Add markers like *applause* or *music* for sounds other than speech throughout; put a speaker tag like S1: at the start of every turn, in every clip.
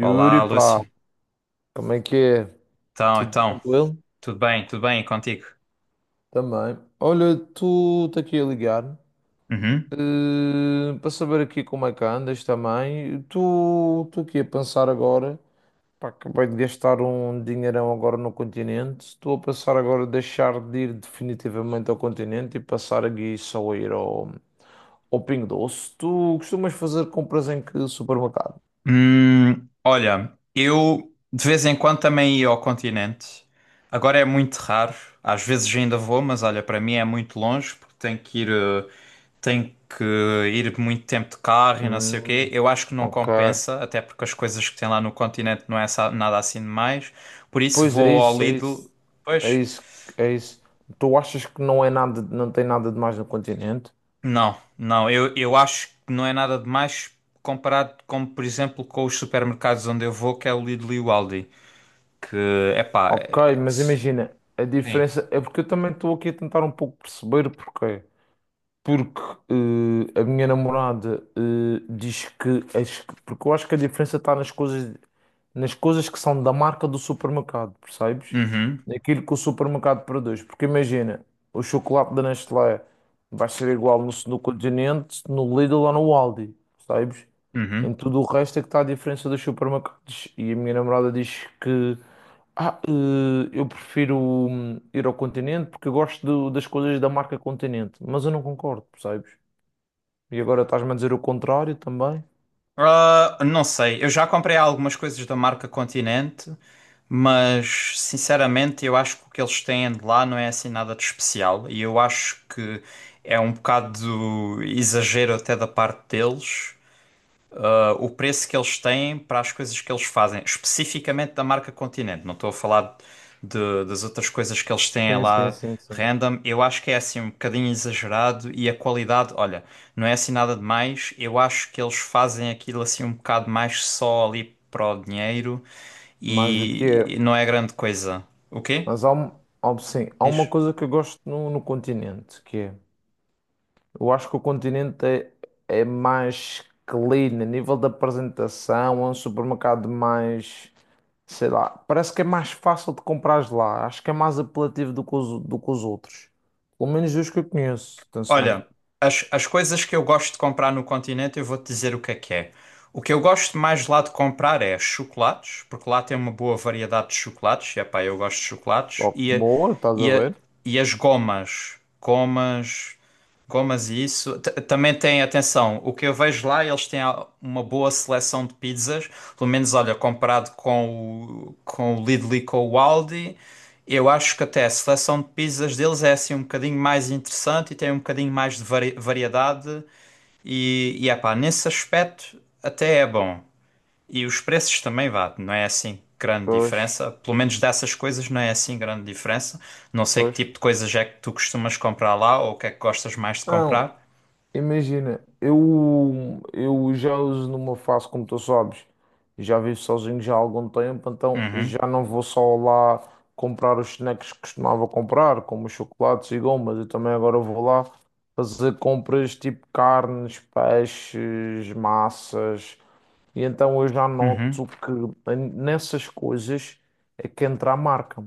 S1: Olá,
S2: Yuri, pá,
S1: Lúcio.
S2: como é que é?
S1: Então,
S2: Tudo
S1: então,
S2: tranquilo?
S1: tudo bem e contigo?
S2: Também. Olha, tu está aqui a ligar,
S1: Uhum.
S2: para saber aqui como é que andas também. Tu estou aqui a pensar agora, pá, acabei de gastar um dinheirão agora no continente. Estou a pensar agora deixar de ir definitivamente ao continente e passar aqui só a ir ao Pingo Doce. Tu costumas fazer compras em que supermercado?
S1: Olha, eu de vez em quando também ia ao continente. Agora é muito raro. Às vezes ainda vou, mas olha, para mim é muito longe porque tenho que ir, tenho que ir muito tempo de carro e não sei o quê.
S2: Hum,
S1: Eu acho que não
S2: ok.
S1: compensa, até porque as coisas que tem lá no continente não é nada assim demais. Por isso
S2: Pois é
S1: vou ao
S2: isso, é
S1: Lidl.
S2: isso, é
S1: Pois.
S2: isso, é isso. Tu achas que não é nada, não tem nada de mais no continente?
S1: Não, não, eu acho que não é nada de mais comparado com, por exemplo, com os supermercados onde eu vou, que é o Lidl e o Aldi, que, epá,
S2: Ok,
S1: é
S2: mas imagina, a
S1: Sim.
S2: diferença é porque eu também estou aqui a tentar um pouco perceber porquê. Porque a minha namorada diz que porque eu acho que a diferença está nas coisas que são da marca do supermercado, percebes?
S1: Uhum,
S2: Naquilo que o supermercado produz. Porque imagina, o chocolate da Nestlé vai ser igual no Continente, no Lidl ou no Aldi, percebes? Em
S1: uhum.
S2: tudo o resto é que está a diferença dos supermercados. E a minha namorada diz que eu prefiro ir ao Continente porque eu gosto das coisas da marca Continente, mas eu não concordo, percebes? E agora estás-me a dizer o contrário também.
S1: Ah, não sei, eu já comprei algumas coisas da marca Continente, mas, sinceramente, eu acho que o que eles têm de lá não é assim nada de especial, e eu acho que é um bocado exagero até da parte deles, o preço que eles têm para as coisas que eles fazem, especificamente da marca Continente. Não estou a falar das outras coisas que eles têm
S2: Sim, sim,
S1: lá
S2: sim, sim.
S1: random. Eu acho que é assim um bocadinho exagerado e a qualidade, olha, não é assim nada demais. Eu acho que eles fazem aquilo assim um bocado mais só ali para o dinheiro
S2: Mais do que
S1: e
S2: é.
S1: não é grande coisa. O quê?
S2: Mas sim, há uma
S1: Diz?
S2: coisa que eu gosto no Continente, que é, eu acho que o Continente é mais clean, a nível da apresentação, é um supermercado mais. Sei lá, parece que é mais fácil de comprar lá. Acho que é mais apelativo do que os outros. Pelo menos dos que eu conheço. Atenção.
S1: Olha, as coisas que eu gosto de comprar no continente, eu vou-te dizer o que é que é. O que eu gosto mais lá de comprar é chocolates, porque lá tem uma boa variedade de chocolates, e epá, eu gosto de chocolates,
S2: Ó, boa, estás a
S1: e, a-
S2: ver?
S1: e as gomas, gomas e isso. Também tem, atenção, o que eu vejo lá, eles têm uma boa seleção de pizzas, pelo menos, olha, comparado com o Lidl e com o Aldi, eu acho que até a seleção de pizzas deles é assim um bocadinho mais interessante e tem um bocadinho mais de variedade e epá, nesse aspecto até é bom. E os preços também vá, não é assim grande
S2: Pois,
S1: diferença. Pelo menos dessas coisas não é assim grande diferença. Não sei que
S2: pois.
S1: tipo de coisas é que tu costumas comprar lá ou o que é que gostas mais de
S2: Não,
S1: comprar.
S2: imagina, eu já uso numa fase, como tu sabes, já vivo sozinho já há algum tempo, então
S1: Uhum,
S2: já não vou só lá comprar os snacks que costumava comprar, como os chocolates e gomas. Eu também agora vou lá fazer compras tipo carnes, peixes, massas. E então eu já noto
S1: uhum,
S2: que nessas coisas é que entra a marca.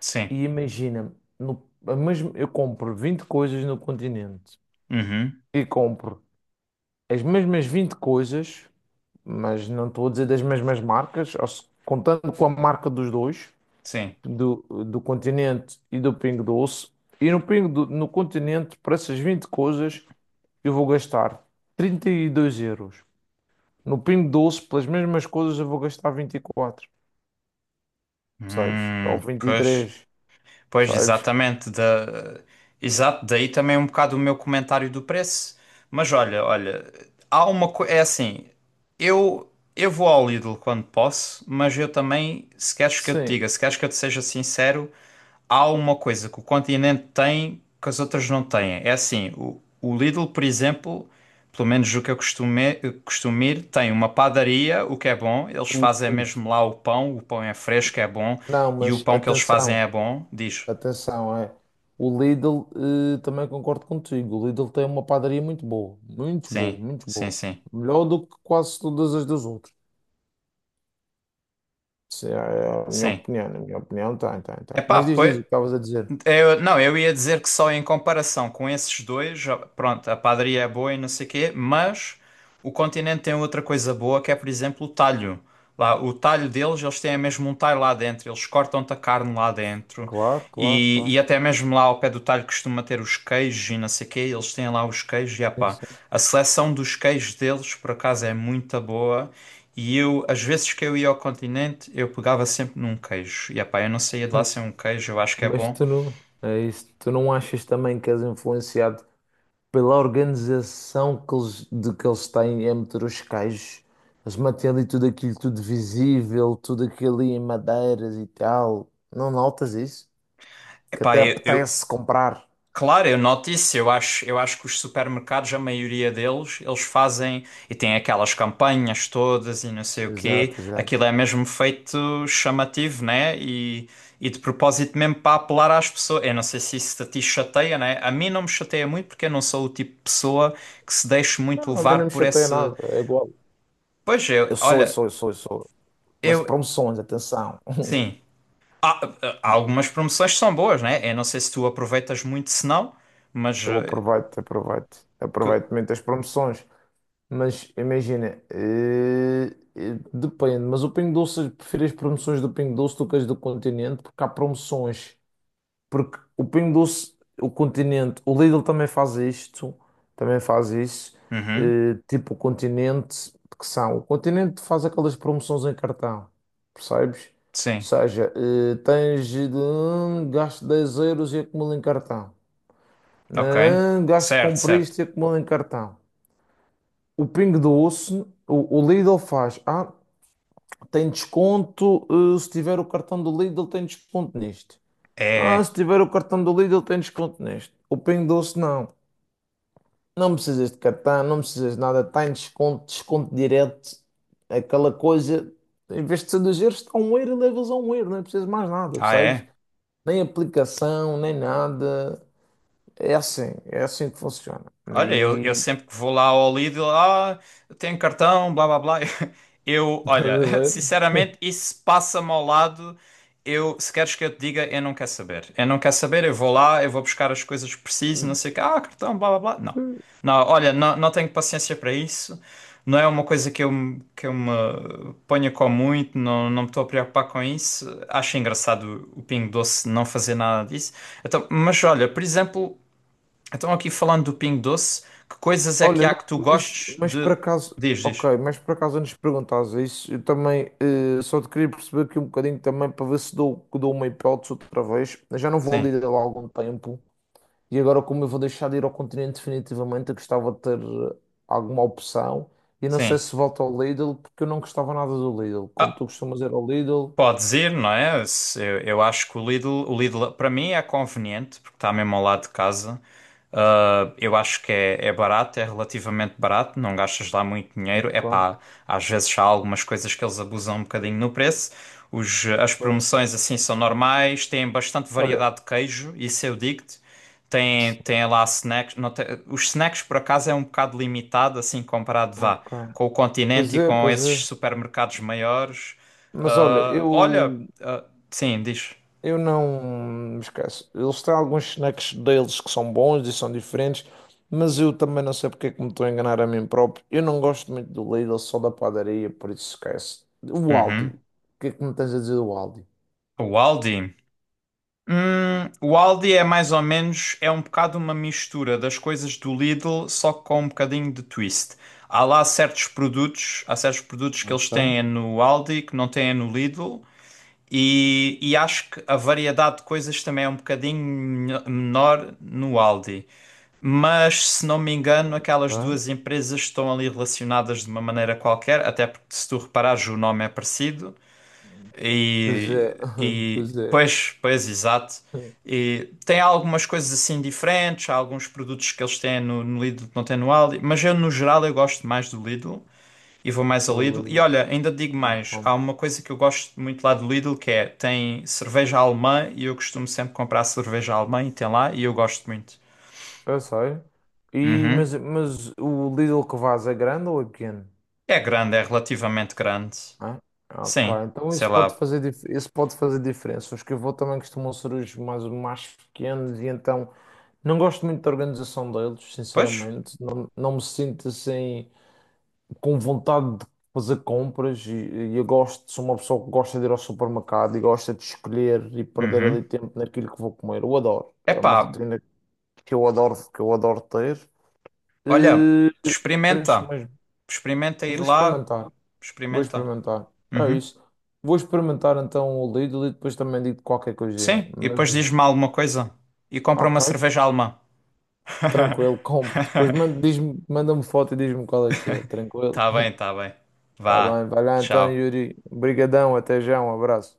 S1: sim,
S2: E imagina, no, a mesma- eu compro 20 coisas no Continente
S1: uhum,
S2: e compro as mesmas 20 coisas, mas não estou a dizer das mesmas marcas, ou se- contando com a marca dos dois,
S1: sim.
S2: do Continente e do Pingo Doce. E no Continente, para essas 20 coisas, eu vou gastar 32 euros. No Pingo Doce, pelas mesmas coisas, eu vou gastar 24, percebes? Ou vinte e
S1: Pois.
S2: três
S1: Pois,
S2: percebes?
S1: exatamente. Da... Exato, daí também um bocado o meu comentário do preço. Mas olha, olha, há uma coisa. É assim, eu vou ao Lidl quando posso, mas eu também, se queres que eu te
S2: Sim.
S1: diga, se queres que eu te seja sincero, há uma coisa que o Continente tem que as outras não têm. É assim, o Lidl, por exemplo, pelo menos o que eu costumo ir, tem uma padaria, o que é bom, eles fazem
S2: Ui.
S1: mesmo lá o pão é fresco, é bom,
S2: Não,
S1: e o
S2: mas
S1: pão que eles fazem é
S2: atenção,
S1: bom, diz.
S2: atenção, é. O Lidl, também concordo contigo. O Lidl tem uma padaria muito boa, muito boa,
S1: Sim,
S2: muito
S1: sim,
S2: boa.
S1: sim,
S2: Melhor do que quase todas as dos outros. Isso é a minha
S1: sim.
S2: opinião, na minha opinião, tem, tem, tem.
S1: Epá,
S2: Mas diz, diz o
S1: pois.
S2: que estavas a dizer.
S1: Eu, não, eu ia dizer que só em comparação com esses dois, pronto, a padaria é boa e não sei quê, mas o continente tem outra coisa boa que é, por exemplo, o talho. Lá, o talho deles, eles têm mesmo um talho lá dentro, eles cortam-te a carne lá dentro
S2: Claro, claro, claro.
S1: e até mesmo lá ao pé do talho costuma ter os queijos e não sei quê, eles têm lá os queijos e
S2: Sim,
S1: epá,
S2: sim.
S1: a seleção dos queijos deles, por acaso, é muito boa. E eu, às vezes que eu ia ao continente, eu pegava sempre num queijo. E epá, eu não saía de lá
S2: *laughs*
S1: sem um queijo, eu acho que é
S2: Mas
S1: bom.
S2: tu não, é isso. Tu não achas também que és influenciado pela organização de que eles têm a meter os cajos. Eles mantêm ali tudo aquilo tudo visível, tudo aquilo ali em madeiras e tal. Não notas isso? Que
S1: Epá,
S2: até apetece comprar.
S1: claro, eu noto isso. Eu acho que os supermercados, a maioria deles, eles fazem e têm aquelas campanhas todas e não sei o quê.
S2: Exato, exato.
S1: Aquilo é mesmo feito chamativo, né? E de propósito mesmo para apelar às pessoas. Eu não sei se isso a ti chateia, né? A mim não me chateia muito porque eu não sou o tipo de pessoa que se deixe
S2: Não,
S1: muito
S2: a mim
S1: levar
S2: não me
S1: por
S2: chateia
S1: esse.
S2: nada, é igual.
S1: Pois eu,
S2: Eu sou, eu
S1: olha,
S2: sou, eu sou, eu sou. Pelas
S1: eu,
S2: promoções, atenção.
S1: sim. Há, há algumas promoções que são boas, né? Eu não sei se tu aproveitas muito, se não, mas
S2: Eu aproveito, aproveito.
S1: que-
S2: Aproveito muito as promoções. Mas imagina, depende. Mas o Pingo Doce, eu prefiro as promoções do Pingo Doce do que as do Continente, porque há promoções. Porque o Pingo Doce, o Continente, o Lidl também faz isto, também faz isso,
S1: Uhum.
S2: tipo o Continente, que são, o Continente faz aquelas promoções em cartão, percebes? Ou
S1: Sim.
S2: seja, tens de gasto 10 euros e acumula em cartão.
S1: Ok.
S2: Gasto
S1: Certo,
S2: comprei
S1: certo.
S2: isto e acumula em cartão. O Pingo Doce, o Lidl faz, tem desconto, se tiver o cartão do Lidl tem desconto nisto.
S1: É.
S2: Ah, se
S1: É.
S2: tiver o cartão do Lidl, tem desconto neste. O Pingo Doce, não. Não precisas de cartão, não precisas de nada. Tem desconto, desconto direto. Aquela coisa, em vez de ser 2 euros, está 1 euro e levas a 1 euro. Não precisas mais nada,
S1: Ah,
S2: percebes?
S1: é?
S2: Nem aplicação, nem nada. É assim que funciona.
S1: Olha, eu
S2: E
S1: sempre que vou lá ao Lidl, eu tenho cartão, blá blá blá. *laughs* Eu,
S2: *laughs* estás
S1: olha,
S2: a
S1: *laughs*
S2: ver?
S1: sinceramente, isso passa-me ao lado. Eu, se queres que eu te diga, eu não quero saber. Eu não quero saber, eu vou lá, eu vou buscar as coisas que preciso, não sei o que, cartão, blá blá blá. Não. Não, olha, não, não tenho paciência para isso. Não é uma coisa que que eu me ponha com muito, não, não me estou a preocupar com isso. Acho engraçado o Pingo Doce não fazer nada disso. Então, mas olha, por exemplo. Então, aqui falando do Pingo Doce, que coisas é que
S2: Olha, não,
S1: há que tu
S2: mas,
S1: gostes
S2: mas por
S1: de.
S2: acaso,
S1: Diz, diz.
S2: ok, mas por acaso antes de perguntares isso, eu também só te queria perceber aqui um bocadinho também para ver se dou, que dou uma hipótese outra vez. Eu já não vou
S1: Sim,
S2: ali lá há algum tempo e agora, como eu vou deixar de ir ao continente definitivamente, eu gostava de ter alguma opção e não sei
S1: sim.
S2: se volto ao Lidl porque eu não gostava nada do Lidl. Como tu costumas ir ao Lidl,
S1: Pode ir, não é? Eu acho que o Lidl para mim é conveniente porque está mesmo ao lado de casa. Ah, eu acho que é, é barato, é relativamente barato, não gastas lá muito dinheiro. É
S2: ok,
S1: pá, às vezes há algumas coisas que eles abusam um bocadinho no preço. Os, as
S2: pois.
S1: promoções assim são normais, têm bastante
S2: Olha,
S1: variedade de queijo, isso eu digo-te. Tem, tem lá snacks. Não tem- os snacks, por acaso, é um bocado limitado, assim, comparado, vá,
S2: ok.
S1: com o
S2: Pois
S1: Continente e
S2: é,
S1: com
S2: pois
S1: esses
S2: é.
S1: supermercados maiores.
S2: Mas olha,
S1: Ah, olha,
S2: eu
S1: ah, sim, diz.
S2: Eu não me esqueço. Eles têm alguns snacks deles que são bons e são diferentes, mas eu também não sei porque é que me estou a enganar a mim próprio. Eu não gosto muito do Lidl, só da padaria, por isso esquece. O Aldi. O
S1: Uhum.
S2: que é que me tens a dizer do Aldi?
S1: O Aldi. O Aldi é mais ou menos, é um bocado uma mistura das coisas do Lidl, só com um bocadinho de twist. Há lá certos produtos, há certos produtos que eles
S2: Ok,
S1: têm no Aldi que não têm no Lidl, e acho que a variedade de coisas também é um bocadinho menor no Aldi. Mas, se não me engano, aquelas
S2: ok.
S1: duas empresas estão ali relacionadas de uma maneira qualquer, até porque se tu reparares o nome é parecido
S2: Pois é, *laughs*
S1: e
S2: pois é.
S1: pois, pois, exato. E tem algumas coisas assim diferentes, há alguns produtos que eles têm no, no Lidl que não têm no Aldi, mas eu no geral eu gosto mais do Lidl e vou mais ao
S2: Não,
S1: Lidl. E olha, ainda digo
S2: não
S1: mais, há
S2: como.
S1: uma coisa que eu gosto muito lá do Lidl que é, tem cerveja alemã e eu costumo sempre comprar cerveja alemã e tem lá e eu gosto muito.
S2: Eu sei. E,
S1: Uhum.
S2: mas o Lidl que vais é grande ou é pequeno?
S1: É grande, é relativamente grande.
S2: Né? Ok,
S1: Sim,
S2: então
S1: sei
S2: isso pode
S1: lá.
S2: fazer, dif- isso pode fazer diferença. Os que eu vou também costumam ser os mais pequenos e então não gosto muito da organização deles,
S1: Pois?
S2: sinceramente. Não, não me sinto assim com vontade de fazer compras e eu gosto, sou uma pessoa que gosta de ir ao supermercado e gosta de escolher e perder ali
S1: Uhum.
S2: tempo naquilo que vou comer. Eu adoro. É
S1: Epá,
S2: uma rotina que eu adoro ter.
S1: olha,
S2: E, por isso
S1: experimenta.
S2: mesmo,
S1: Experimenta
S2: eu
S1: ir
S2: vou
S1: lá,
S2: experimentar. Vou
S1: experimenta.
S2: experimentar. É
S1: Uhum.
S2: isso. Vou experimentar então o Lidl e depois também digo qualquer coisinha.
S1: Sim, e
S2: Mas
S1: depois diz-me alguma coisa. E compra uma
S2: ok,
S1: cerveja alemã. *laughs*
S2: tranquilo, compro. Depois manda-me foto e diz-me qual é que é. Tranquilo.
S1: Tá bem, tá bem.
S2: Tá
S1: Vá,
S2: bem, vai lá então,
S1: tchau.
S2: Yuri. Obrigadão, até já, um abraço.